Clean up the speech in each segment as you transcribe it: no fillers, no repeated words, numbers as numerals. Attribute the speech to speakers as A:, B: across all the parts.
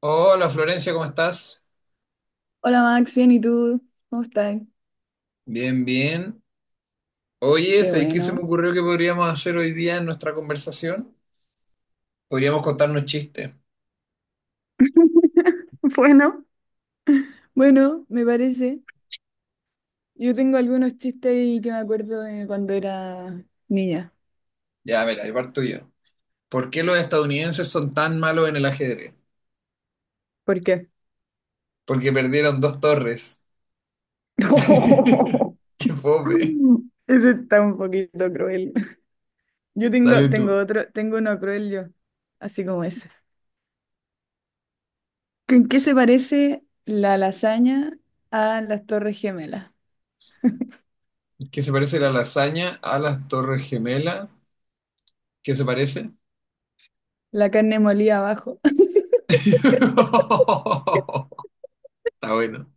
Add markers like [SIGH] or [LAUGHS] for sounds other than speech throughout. A: Hola Florencia, ¿cómo estás?
B: Hola Max, bien, ¿y tú? ¿Cómo estás?
A: Bien, bien. Oye,
B: Qué
A: ¿sabes qué se me
B: bueno.
A: ocurrió que podríamos hacer hoy día en nuestra conversación? Podríamos contarnos chistes.
B: [LAUGHS] Bueno, Bueno, me parece. Yo tengo algunos chistes ahí que me acuerdo de cuando era niña.
A: Ya, mira, ahí parto yo. ¿Por qué los estadounidenses son tan malos en el ajedrez?
B: ¿Por qué?
A: Porque perdieron dos torres. [LAUGHS]
B: [LAUGHS]
A: ¡Qué pobre!
B: Ese está un poquito cruel. Yo
A: Dale
B: tengo,
A: tú.
B: tengo otro, tengo uno cruel yo, así como ese. ¿En qué se parece la lasaña a las Torres Gemelas?
A: ¿Qué se parece la lasaña a las torres gemelas? ¿Qué se parece?
B: La carne molida abajo.
A: [LAUGHS] Está bueno.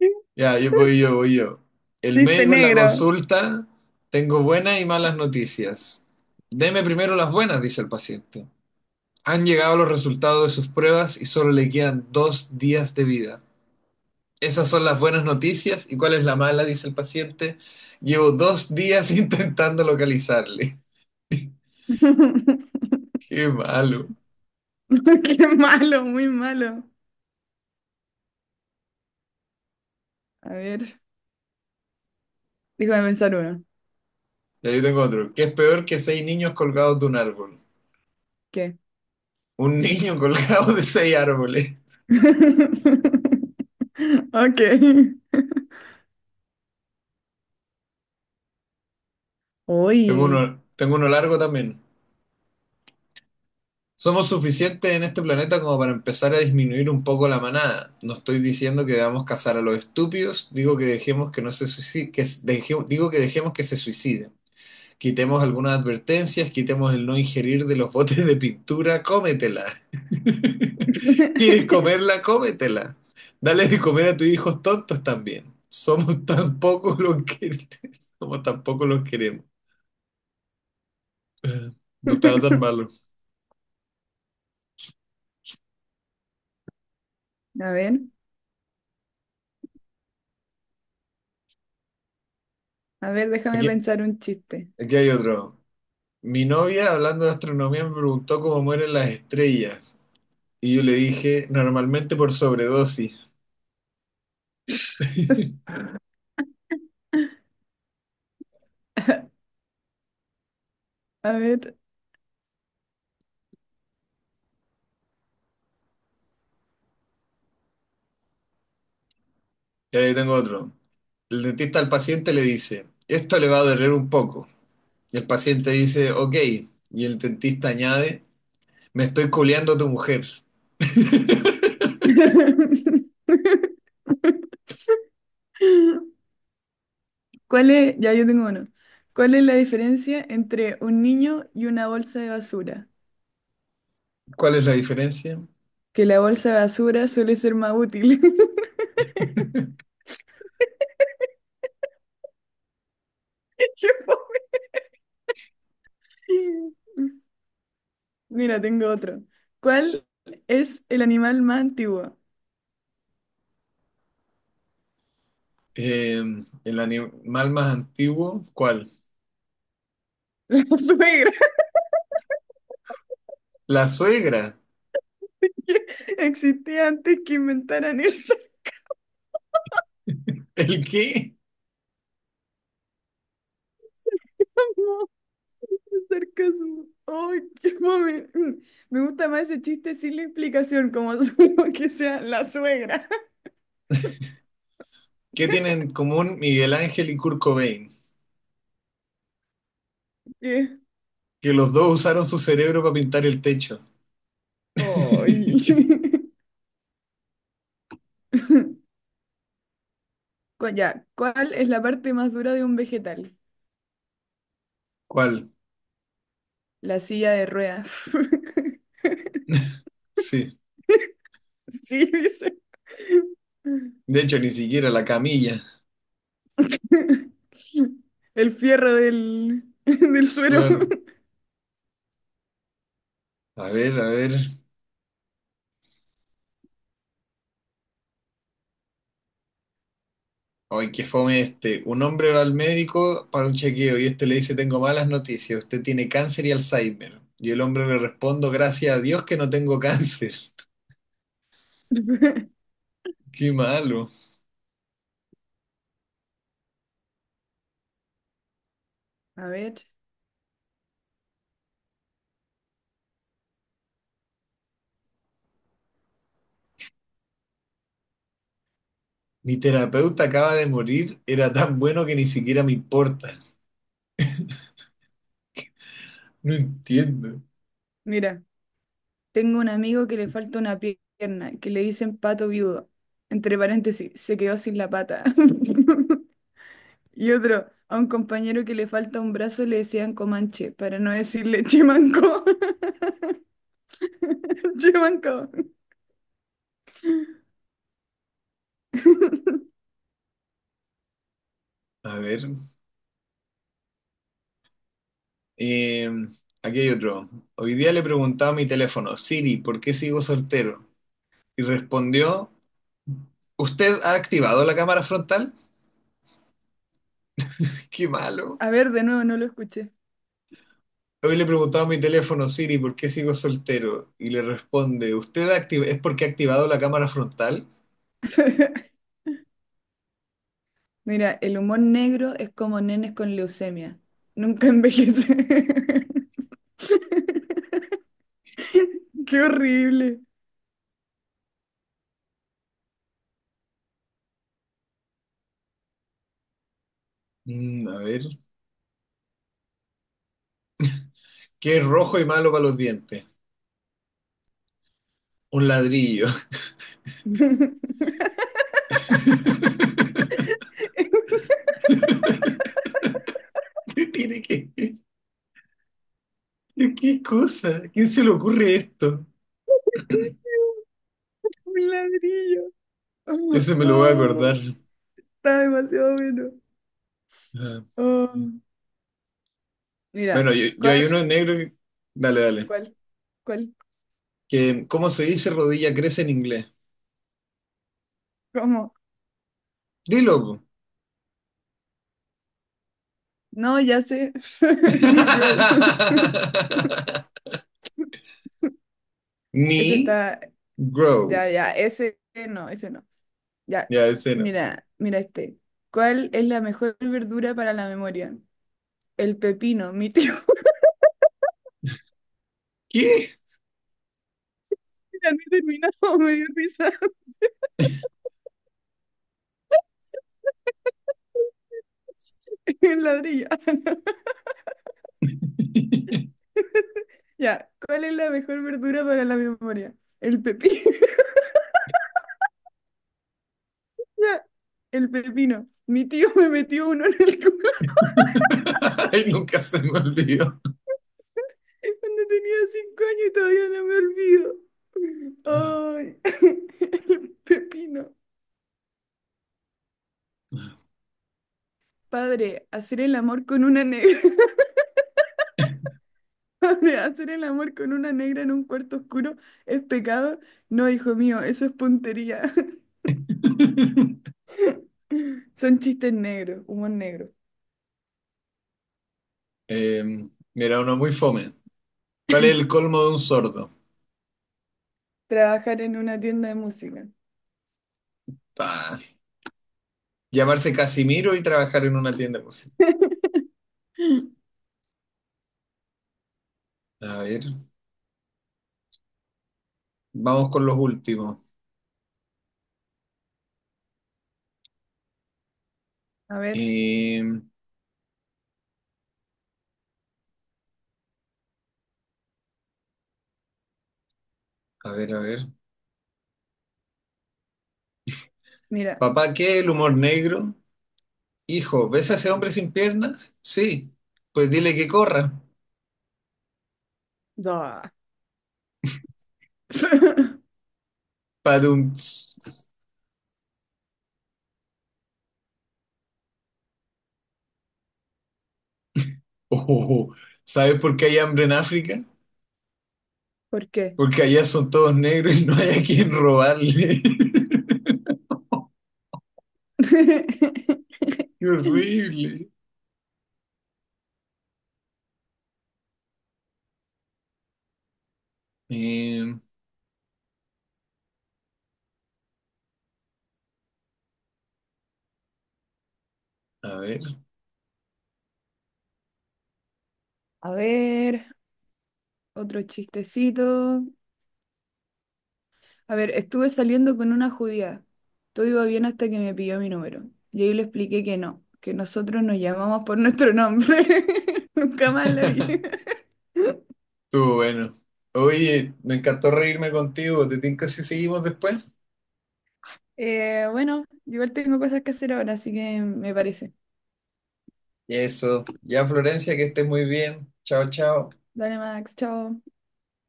B: [LAUGHS]
A: Ya, voy yo. El
B: Chiste
A: médico en la
B: negro.
A: consulta, tengo buenas y malas noticias. Deme primero las buenas, dice el paciente. Han llegado los resultados de sus pruebas y solo le quedan dos días de vida. Esas son las buenas noticias. ¿Y cuál es la mala? Dice el paciente. Llevo dos días [LAUGHS] intentando localizarle. Qué
B: [LAUGHS] Qué
A: malo.
B: malo, muy malo. A ver, déjame pensar uno.
A: Ya yo tengo otro. ¿Qué es peor que seis niños colgados de un árbol?
B: ¿Qué?
A: Un niño [LAUGHS] colgado de seis árboles.
B: [LAUGHS] Ok. Uy.
A: Tengo uno largo también. Somos suficientes en este planeta como para empezar a disminuir un poco la manada. No estoy diciendo que debamos cazar a los estúpidos, digo que dejemos que no se suiciden, digo que dejemos que se suiciden. Quitemos algunas advertencias, quitemos el no ingerir de los [LAUGHS] botes de pintura, cómetela. [LAUGHS] ¿Quieres
B: [LAUGHS]
A: comerla? Cómetela. Dale de comer a tus hijos tontos también. Somos [LAUGHS] tan pocos los que [LAUGHS] Somos tan pocos los queremos. No estaba tan malo.
B: A ver, a ver, déjame
A: Aquí,
B: pensar un chiste.
A: Aquí hay otro. Mi novia, hablando de astronomía, me preguntó cómo mueren las estrellas. Y yo le dije, normalmente por sobredosis.
B: A ver.
A: Y ahí tengo otro. El dentista al paciente le dice, esto le va a doler un poco. Y el paciente dice, ok. Y el dentista añade, me estoy culeando a tu mujer.
B: [LAUGHS] ¿Cuál es? Ya yo tengo uno. ¿Cuál es la diferencia entre un niño y una bolsa de basura?
A: ¿Cuál es la diferencia?
B: Que la bolsa de basura suele ser más útil. [LAUGHS] Qué fome. Mira, tengo otro. ¿Cuál es el animal más antiguo?
A: Eh, el animal más antiguo, ¿cuál?
B: La [LAUGHS] suegra
A: La suegra.
B: que existía antes que inventaran el [LAUGHS] sarcasmo.
A: ¿El qué?
B: El sarcasmo. ¡Ay, qué mami! Me gusta más ese chiste sin la explicación, como [LAUGHS] solo que sea la suegra.
A: ¿Qué tienen en común Miguel Ángel y Kurt Cobain?
B: Que-
A: Que los dos usaron su cerebro para pintar el techo.
B: ¡Ay!
A: [LAUGHS]
B: [LAUGHS] Cu- Ya, ¿cuál es la parte más dura de un vegetal?
A: ¿Cuál?
B: La silla de ruedas. [LAUGHS]
A: [LAUGHS] Sí.
B: Sí, dice. [LAUGHS]
A: De hecho, ni siquiera la camilla.
B: El fierro [LAUGHS] del suelo.
A: Claro. A ver, a ver. Ay, qué fome este. Un hombre va al médico para un chequeo y este le dice, tengo malas noticias, usted tiene cáncer y Alzheimer. Y el hombre le responde, gracias a Dios que no tengo cáncer.
B: [LAUGHS]
A: [LAUGHS] Qué malo.
B: A ver,
A: Mi terapeuta acaba de morir, era tan bueno que ni siquiera me importa. No entiendo.
B: mira. Tengo un amigo que le falta una pierna, que le dicen pato viudo. Entre paréntesis, se quedó sin la pata. [LAUGHS] Y otro, a un compañero que le falta un brazo le decían Comanche, para no decirle Chimanco. [LAUGHS] Chimanco.
A: A ver. eh, Aquí hay otro. Hoy día le preguntaba a mi teléfono, Siri, ¿por qué sigo soltero? Y respondió... ¿Usted ha activado la cámara frontal? [LAUGHS] Qué malo.
B: A ver, de nuevo, no lo escuché.
A: Hoy le preguntaba a mi teléfono Siri por qué sigo soltero y le responde, ¿es porque ha activado la cámara frontal?
B: [LAUGHS] Mira, el humor negro es como nenes con leucemia. Nunca envejece. [LAUGHS] Qué horrible.
A: A ver, ¿qué es rojo y malo para los dientes? Un ladrillo.
B: [LAUGHS] Un
A: [LAUGHS] ¿Qué tiene que qué cosa? ¿A quién se le ocurre esto?
B: ladrillo.
A: Ese me lo voy a
B: Oh,
A: acordar.
B: está demasiado bueno.
A: Ah.
B: Oh. Mira,
A: Bueno, yo
B: ¿cuál,
A: hay uno en negro que... Dale, dale.
B: cuál, cuál,
A: Que, ¿cómo se dice rodilla crece en inglés?
B: cómo?
A: Dilo, po.
B: No, ya sé, [LAUGHS] negro. [LAUGHS]
A: [LAUGHS]
B: Ese
A: Mi
B: está,
A: growth.
B: ya, ya, ese no. Ya,
A: Ya, ese no.
B: mira, mira este. ¿Cuál es la mejor verdura para la memoria? El pepino, mi tío. [LAUGHS]
A: ¿Qué?
B: Ya no he terminado, [LAUGHS] me dio risa [LAUGHS] el ladrillo. [LAUGHS] Ya, ¿cuál es la mejor verdura para la memoria? El pepino. [LAUGHS] Ya, el pepino. Mi tío me metió uno en el culo.
A: [LAUGHS] Ay, nunca se me olvidó.
B: Cuando tenía 5 años y todavía no me olvido. Ay, [LAUGHS] el pepino. Padre, hacer el amor con una negra. [LAUGHS] Padre, hacer el amor con una negra en un cuarto oscuro es pecado. No, hijo mío, eso es puntería. [LAUGHS]
A: [LAUGHS]
B: Son chistes negros, humor negro.
A: Mira, uno muy fome. ¿Cuál es el colmo de un sordo?
B: Trabajar en una tienda de música.
A: Ah, llamarse Casimiro y trabajar en una tienda de música. A ver, vamos con los últimos.
B: A ver,
A: Em, a ver, a ver.
B: mira.
A: Papá, ¿qué es el
B: Ah,
A: humor negro? Hijo, ¿ves a ese hombre sin piernas? Sí, pues dile que corra.
B: da. [LAUGHS]
A: Padum. Ts. Oh, ¿sabes por qué hay hambre en África?
B: ¿Por qué?
A: Porque allá son todos negros y no hay a quien robarle. [LAUGHS] ¡Qué
B: [LAUGHS]
A: horrible! Eh, a ver,
B: A ver, otro chistecito. A ver, estuve saliendo con una judía. Todo iba bien hasta que me pidió mi número. Y ahí le expliqué que no, que nosotros nos llamamos por nuestro nombre. [LAUGHS] Nunca más la vi.
A: [LAUGHS]
B: [LAUGHS]
A: estuvo bueno. Oye, me encantó reírme contigo. ¿Te tinca si seguimos después?
B: Bueno, igual tengo cosas que hacer ahora, así que me parece.
A: Eso. Ya, Florencia, que estés muy bien. Chao, chao.
B: Dale, Max, chao.